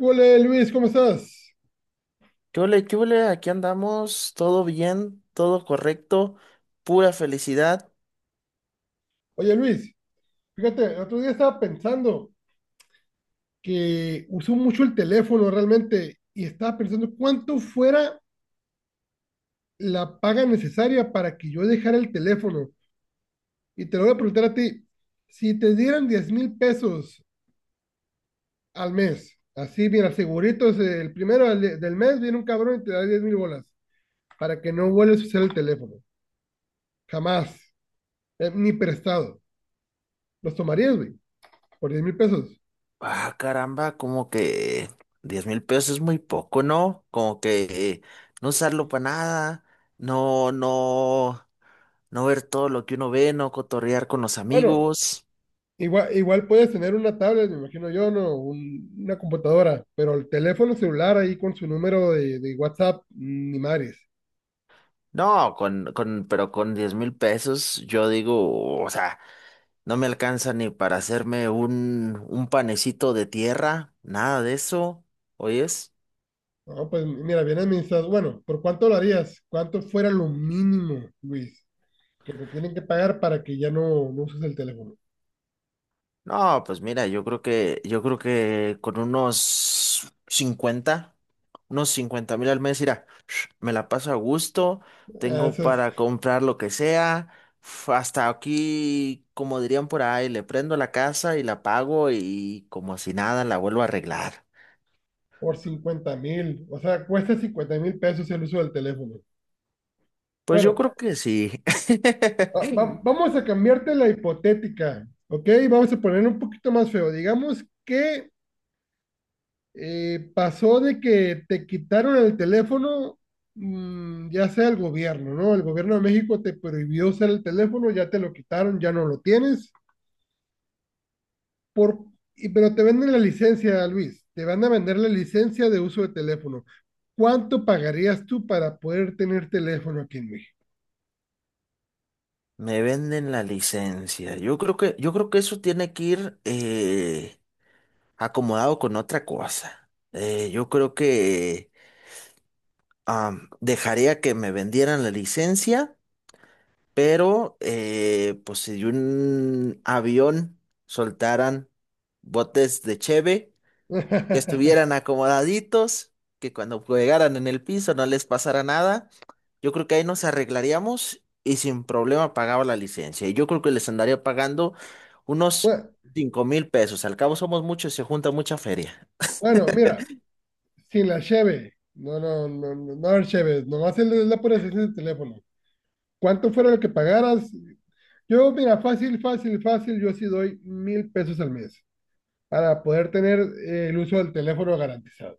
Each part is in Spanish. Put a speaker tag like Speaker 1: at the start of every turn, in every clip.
Speaker 1: Hola Luis, ¿cómo estás?
Speaker 2: ¿Qué ole, qué ole? Aquí andamos, todo bien, todo correcto, pura felicidad.
Speaker 1: Oye Luis, fíjate, el otro día estaba pensando que usó mucho el teléfono realmente y estaba pensando cuánto fuera la paga necesaria para que yo dejara el teléfono. Y te lo voy a preguntar a ti, si te dieran 10.000 pesos al mes, así mira, seguritos, el primero del mes viene un cabrón y te da 10.000 bolas para que no vuelvas a usar el teléfono, jamás, ni prestado. ¿Los tomarías, güey, por 10.000 pesos?
Speaker 2: Ah, caramba, como que 10.000 pesos es muy poco, ¿no? Como que no usarlo para nada, no, no, no ver todo lo que uno ve, no cotorrear con los
Speaker 1: Bueno,
Speaker 2: amigos.
Speaker 1: Igual puedes tener una tablet, me imagino yo, ¿no? Una computadora, pero el teléfono celular ahí con su número de WhatsApp, ni madres.
Speaker 2: No, pero con 10.000 pesos, yo digo, o sea, no me alcanza ni para hacerme un panecito de tierra, nada de eso, ¿oyes?
Speaker 1: No, pues mira, bien administrado. Bueno, ¿por cuánto lo harías? ¿Cuánto fuera lo mínimo, Luis, que te tienen que pagar para que ya no, no uses el teléfono?
Speaker 2: No, pues mira, yo creo que con unos 50, unos 50.000 al mes, mira, me la paso a gusto,
Speaker 1: Ah,
Speaker 2: tengo
Speaker 1: eso es
Speaker 2: para comprar lo que sea, hasta aquí, como dirían por ahí, le prendo la casa y la pago y como si nada la vuelvo a arreglar.
Speaker 1: por 50.000. O sea, cuesta 50.000 pesos el uso del teléfono.
Speaker 2: Pues yo
Speaker 1: Bueno,
Speaker 2: creo que sí.
Speaker 1: vamos a cambiarte la hipotética, ¿ok? Vamos a poner un poquito más feo. Digamos que pasó de que te quitaron el teléfono, ya sea el gobierno, ¿no? El gobierno de México te prohibió usar el teléfono, ya te lo quitaron, ya no lo tienes, por, pero te venden la licencia, Luis, te van a vender la licencia de uso de teléfono. ¿Cuánto pagarías tú para poder tener teléfono aquí en México?
Speaker 2: Me venden la licencia. Yo creo que eso tiene que ir acomodado con otra cosa. Yo creo que dejaría que me vendieran la licencia, pero pues si un avión soltaran botes de cheve, que estuvieran acomodaditos, que cuando llegaran en el piso no les pasara nada, yo creo que ahí nos arreglaríamos y sin problema pagaba la licencia. Y yo creo que les andaría pagando unos
Speaker 1: Bueno,
Speaker 2: 5.000 pesos. Al cabo somos muchos y se junta mucha feria.
Speaker 1: bueno, mira, sin la cheve, no, no, no, no, no haber cheves, nomás la pura esencia del teléfono. ¿Cuánto fuera lo que pagaras? Yo, mira, fácil, fácil, fácil, yo sí doy 1.000 pesos al mes para poder tener el uso del teléfono garantizado.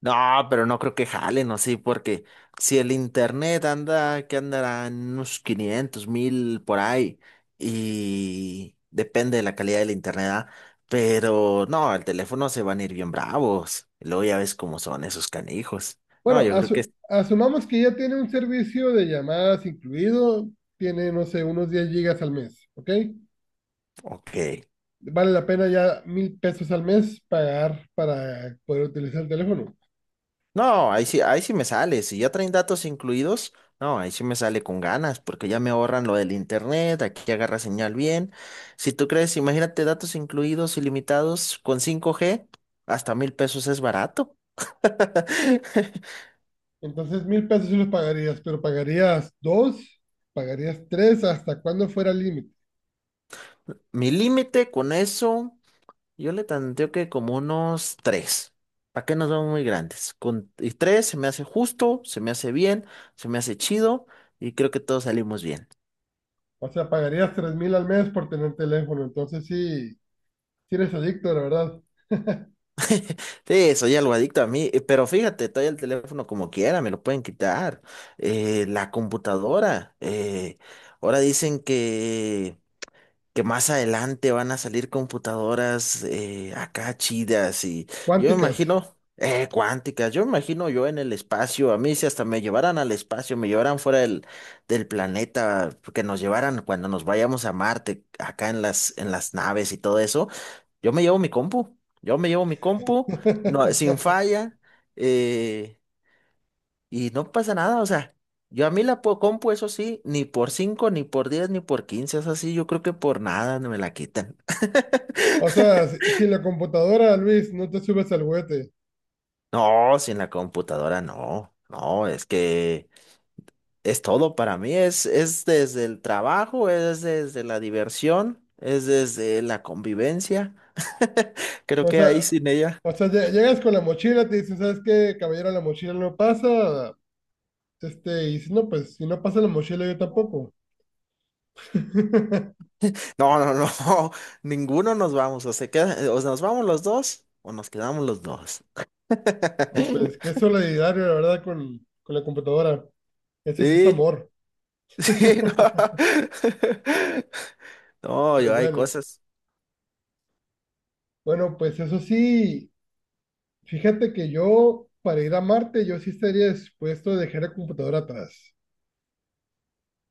Speaker 2: No, pero no creo que jalen así, porque si el internet anda, que andará en unos 500.000 por ahí, y depende de la calidad del internet, ¿ah? Pero no, el teléfono se van a ir bien bravos. Y luego ya ves cómo son esos canijos.
Speaker 1: Bueno,
Speaker 2: No, yo creo que es
Speaker 1: asumamos que ya tiene un servicio de llamadas incluido, tiene, no sé, unos 10 gigas al mes, ¿ok?
Speaker 2: ok.
Speaker 1: Vale la pena ya 1.000 pesos al mes pagar para poder utilizar el teléfono.
Speaker 2: No, ahí sí me sale. Si ya traen datos incluidos, no, ahí sí me sale con ganas, porque ya me ahorran lo del internet, aquí agarra señal bien. Si tú crees, imagínate datos incluidos ilimitados con 5G, hasta 1.000 pesos es barato.
Speaker 1: Entonces, 1.000 pesos sí los pagarías, pero pagarías dos, pagarías tres, hasta cuando fuera el límite.
Speaker 2: Mi límite con eso, yo le tanteo que como unos tres. ¿Para qué nos vamos muy grandes? Con y tres se me hace justo, se me hace bien, se me hace chido y creo que todos salimos bien.
Speaker 1: O sea, pagarías 3.000 al mes por tener teléfono. Entonces, sí, sí eres adicto, la verdad.
Speaker 2: Sí, soy algo adicto a mí, pero fíjate, todavía el teléfono como quiera, me lo pueden quitar. La computadora, ahora dicen que más adelante van a salir computadoras acá chidas y yo me
Speaker 1: Cuánticas.
Speaker 2: imagino cuánticas, yo me imagino yo en el espacio, a mí si hasta me llevaran al espacio, me llevaran fuera del planeta, que nos llevaran cuando nos vayamos a Marte, acá en en las naves y todo eso, yo me llevo mi compu, no, sin falla. eh, y no pasa nada, o sea, yo a mí la compu, eso sí, ni por 5 ni por 10, ni por 15 es así, yo creo que por nada no me la quitan.
Speaker 1: O sea, si, si la computadora, Luis, no te subes al juguete.
Speaker 2: No, sin la computadora no, no, es que es todo para mí, es desde el trabajo, es desde la diversión, es desde la convivencia, creo
Speaker 1: O
Speaker 2: que ahí
Speaker 1: sea,
Speaker 2: sin ella.
Speaker 1: o sea, llegas con la mochila, te dicen, ¿sabes qué, caballero? La mochila no pasa. Y si no, pues, si no pasa la mochila, yo tampoco.
Speaker 2: No, ninguno nos vamos, o se queda, o nos vamos los dos, o nos quedamos los dos.
Speaker 1: No, pues, qué solidario, la verdad, con la computadora. Eso sí es
Speaker 2: Sí.
Speaker 1: amor.
Speaker 2: Sí, no. No, yo
Speaker 1: Pues
Speaker 2: hay
Speaker 1: bueno,
Speaker 2: cosas.
Speaker 1: bueno, pues eso sí, fíjate que yo, para ir a Marte, yo sí estaría dispuesto a dejar la computadora atrás.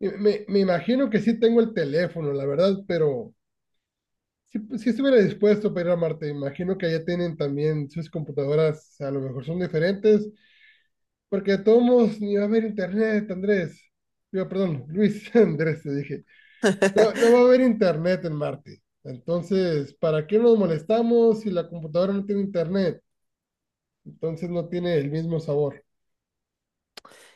Speaker 1: Me imagino que sí tengo el teléfono, la verdad, pero sí, pues, sí estuviera dispuesto para ir a Marte. Imagino que allá tienen también sus computadoras, a lo mejor son diferentes, porque de todos modos ni va a haber internet, Andrés. Digo, perdón, Luis Andrés, te dije. No, no va a haber internet en Marte. Entonces, ¿para qué nos molestamos si la computadora no tiene internet? Entonces no tiene el mismo sabor.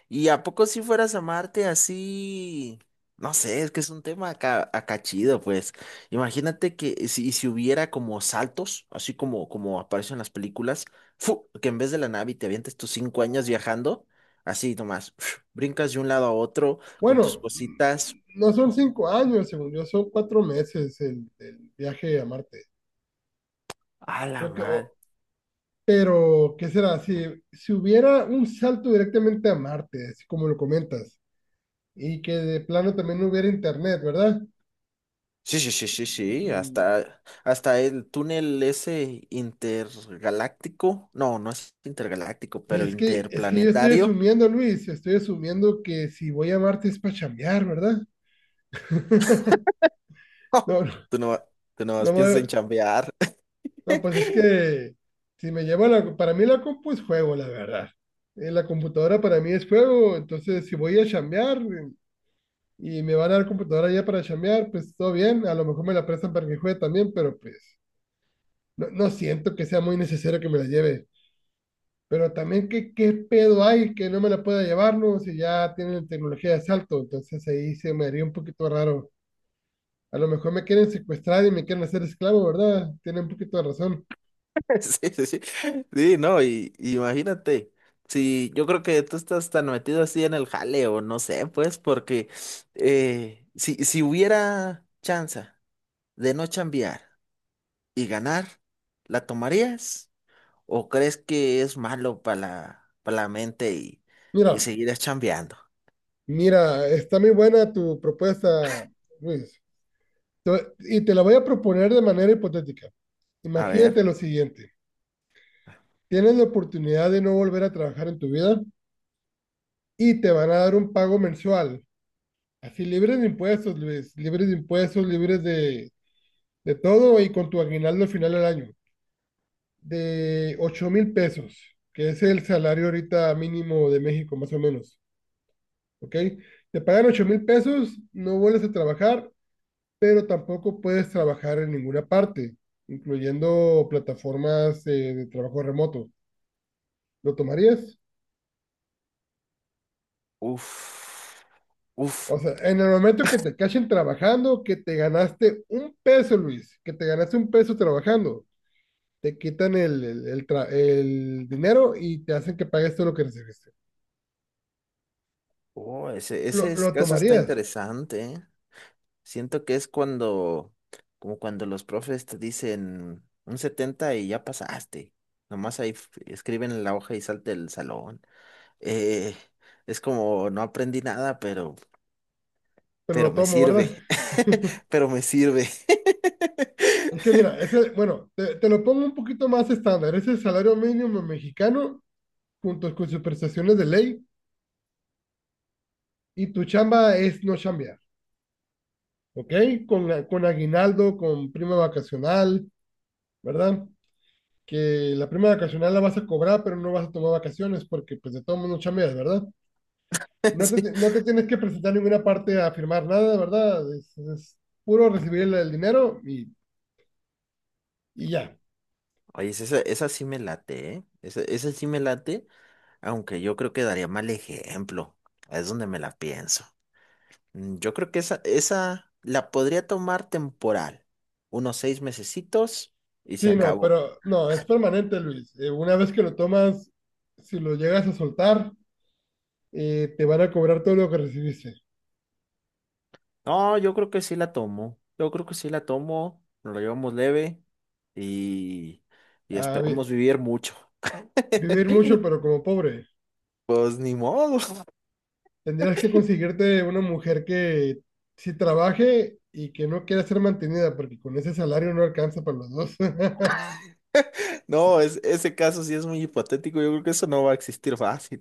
Speaker 2: ¿Y a poco si fueras a Marte así? No sé, es que es un tema acá chido, pues. Imagínate que si hubiera como saltos, como aparece en las películas, ¡fu! Que en vez de la nave te avientes tus 5 años viajando, así nomás, ¡fiu! Brincas de un lado a otro con tus
Speaker 1: Bueno,
Speaker 2: cositas.
Speaker 1: no son 5 años, según yo, son 4 meses el viaje a Marte.
Speaker 2: A la
Speaker 1: O que-
Speaker 2: madre.
Speaker 1: o- Pero, ¿qué será? Si, si hubiera un salto directamente a Marte, así como lo comentas, y que de plano también no hubiera internet, ¿verdad?
Speaker 2: Sí,
Speaker 1: Mm,
Speaker 2: hasta el túnel ese intergaláctico, no, no es intergaláctico, pero
Speaker 1: es que yo estoy
Speaker 2: interplanetario.
Speaker 1: asumiendo, Luis, estoy asumiendo que si voy a Marte es para chambear, ¿verdad?
Speaker 2: ¡Oh!
Speaker 1: No, no,
Speaker 2: Tú no, Tú no
Speaker 1: no,
Speaker 2: piensas en chambear.
Speaker 1: no, pues es que si me llevo para mí la compu es juego, la verdad. La computadora para mí es juego, entonces si voy a chambear, y me van a dar computadora ya para chambear, pues todo bien, a lo mejor me la prestan para que juegue también, pero pues no, no siento que sea muy necesario que me la lleve. Pero también, qué pedo hay que no me la pueda llevar, no? Si ya tienen tecnología de asalto, entonces ahí se me haría un poquito raro. A lo mejor me quieren secuestrar y me quieren hacer esclavo, ¿verdad? Tienen un poquito de razón.
Speaker 2: Sí, sí, sí, sí, no, y imagínate, si yo creo que tú estás tan metido así en el jale o no sé, pues, porque si hubiera chance de no chambear y ganar, ¿la tomarías? ¿O crees que es malo para para la mente y
Speaker 1: Mira,
Speaker 2: seguir chambeando?
Speaker 1: mira, está muy buena tu propuesta, Luis. Y te la voy a proponer de manera hipotética.
Speaker 2: A ver,
Speaker 1: Imagínate lo siguiente. Tienes la oportunidad de no volver a trabajar en tu vida y te van a dar un pago mensual. Así libres de impuestos, Luis. Libres de impuestos, libres de todo y con tu aguinaldo al final del año. De 8.000 pesos, que es el salario ahorita mínimo de México, más o menos. ¿Ok? Te pagan 8.000 pesos, no vuelves a trabajar, pero tampoco puedes trabajar en ninguna parte, incluyendo plataformas de trabajo remoto. ¿Lo tomarías?
Speaker 2: uff, uff,
Speaker 1: O sea, en el momento que te cachen trabajando, que te ganaste un peso, Luis, que te ganaste un peso trabajando, te quitan el dinero y te hacen que pagues todo lo que recibiste.
Speaker 2: oh,
Speaker 1: Lo
Speaker 2: caso está
Speaker 1: tomarías,
Speaker 2: interesante, ¿eh? Siento que es cuando, como cuando los profes te dicen un 70 y ya pasaste. Nomás ahí escriben en la hoja y salte del salón. Eh, es como, no aprendí nada,
Speaker 1: pero lo
Speaker 2: pero me
Speaker 1: tomo, ¿verdad?
Speaker 2: sirve. Pero me sirve.
Speaker 1: Es que mira, ese, bueno, te lo pongo un poquito más estándar. Es el salario mínimo mexicano junto con sus prestaciones de ley y tu chamba es no chambear, ¿ok? Con aguinaldo, con prima vacacional, ¿verdad? Que la prima vacacional la vas a cobrar, pero no vas a tomar vacaciones porque pues de todo mundo chambeas, ¿verdad?
Speaker 2: Sí.
Speaker 1: No te tienes que presentar ninguna parte a firmar nada, ¿verdad? Es puro recibir el dinero y ya.
Speaker 2: Oye, esa sí me late, ¿eh? Esa sí me late, aunque yo creo que daría mal ejemplo. Es donde me la pienso. Mm, yo creo que esa la podría tomar temporal. Unos 6 mesecitos y se
Speaker 1: Sí, no,
Speaker 2: acabó.
Speaker 1: pero no, es permanente, Luis. Una vez que lo tomas, si lo llegas a soltar, te van a cobrar todo lo que recibiste.
Speaker 2: No, yo creo que sí la tomo. Yo creo que sí la tomo. Nos lo llevamos leve y, y
Speaker 1: A
Speaker 2: esperamos
Speaker 1: vi-
Speaker 2: vivir mucho.
Speaker 1: vivir mucho, pero como pobre.
Speaker 2: Pues ni modo.
Speaker 1: Tendrías que conseguirte una mujer que sí trabaje y que no quiera ser mantenida, porque con ese salario no alcanza para los dos.
Speaker 2: No, es, ese caso sí es muy hipotético. Yo creo que eso no va a existir fácil.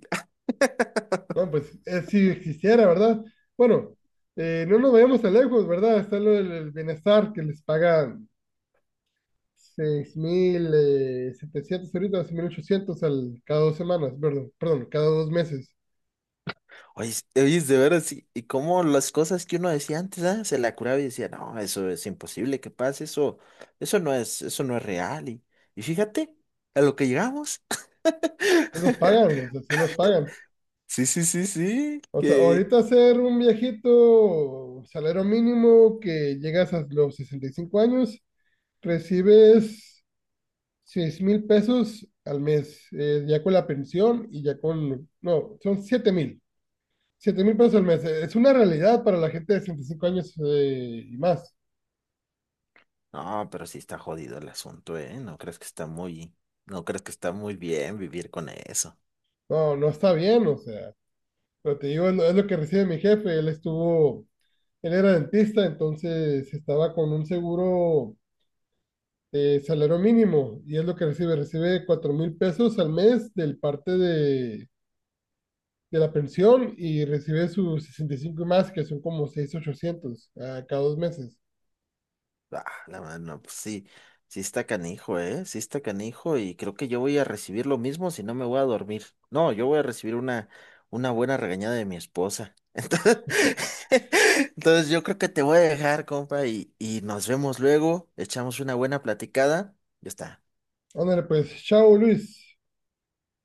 Speaker 1: No, pues si existiera, ¿verdad? Bueno, no nos vayamos tan lejos, ¿verdad? Está lo del bienestar que les pagan seis mil setecientos ahorita, 6.800 cada 2 semanas, perdón, perdón, cada 2 meses.
Speaker 2: Oye, oye, de veras, sí, y cómo las cosas que uno decía antes, ah, se la curaba y decía, no, eso es imposible que pase, eso no es real. Y fíjate, a lo que llegamos.
Speaker 1: Sí los pagan, o sea, sí los pagan.
Speaker 2: Sí,
Speaker 1: O sea,
Speaker 2: que...
Speaker 1: ahorita ser un viejito, salario mínimo que llegas a los 65 años, recibes 6.000 pesos al mes, ya con la pensión y ya no, son 7.000 pesos al mes. Es una realidad para la gente de 65 años y más.
Speaker 2: No, pero sí está jodido el asunto, ¿eh? No crees que está muy, No crees que está muy bien vivir con eso.
Speaker 1: No, no está bien, o sea, pero te digo, es lo que recibe mi jefe. Él estuvo, él era dentista, entonces estaba con un seguro de salario mínimo y es lo que recibe. Recibe 4.000 pesos al mes del parte de la pensión y recibe sus 65 más, que son como 6.800 a cada 2 meses.
Speaker 2: Ah, la mano, pues sí, sí está canijo, ¿eh? Sí está canijo y creo que yo voy a recibir lo mismo si no me voy a dormir. No, yo voy a recibir una buena regañada de mi esposa. Entonces, entonces yo creo que te voy a dejar, compa, y nos vemos luego, echamos una buena platicada. Ya está.
Speaker 1: Ándale, pues, chao Luis.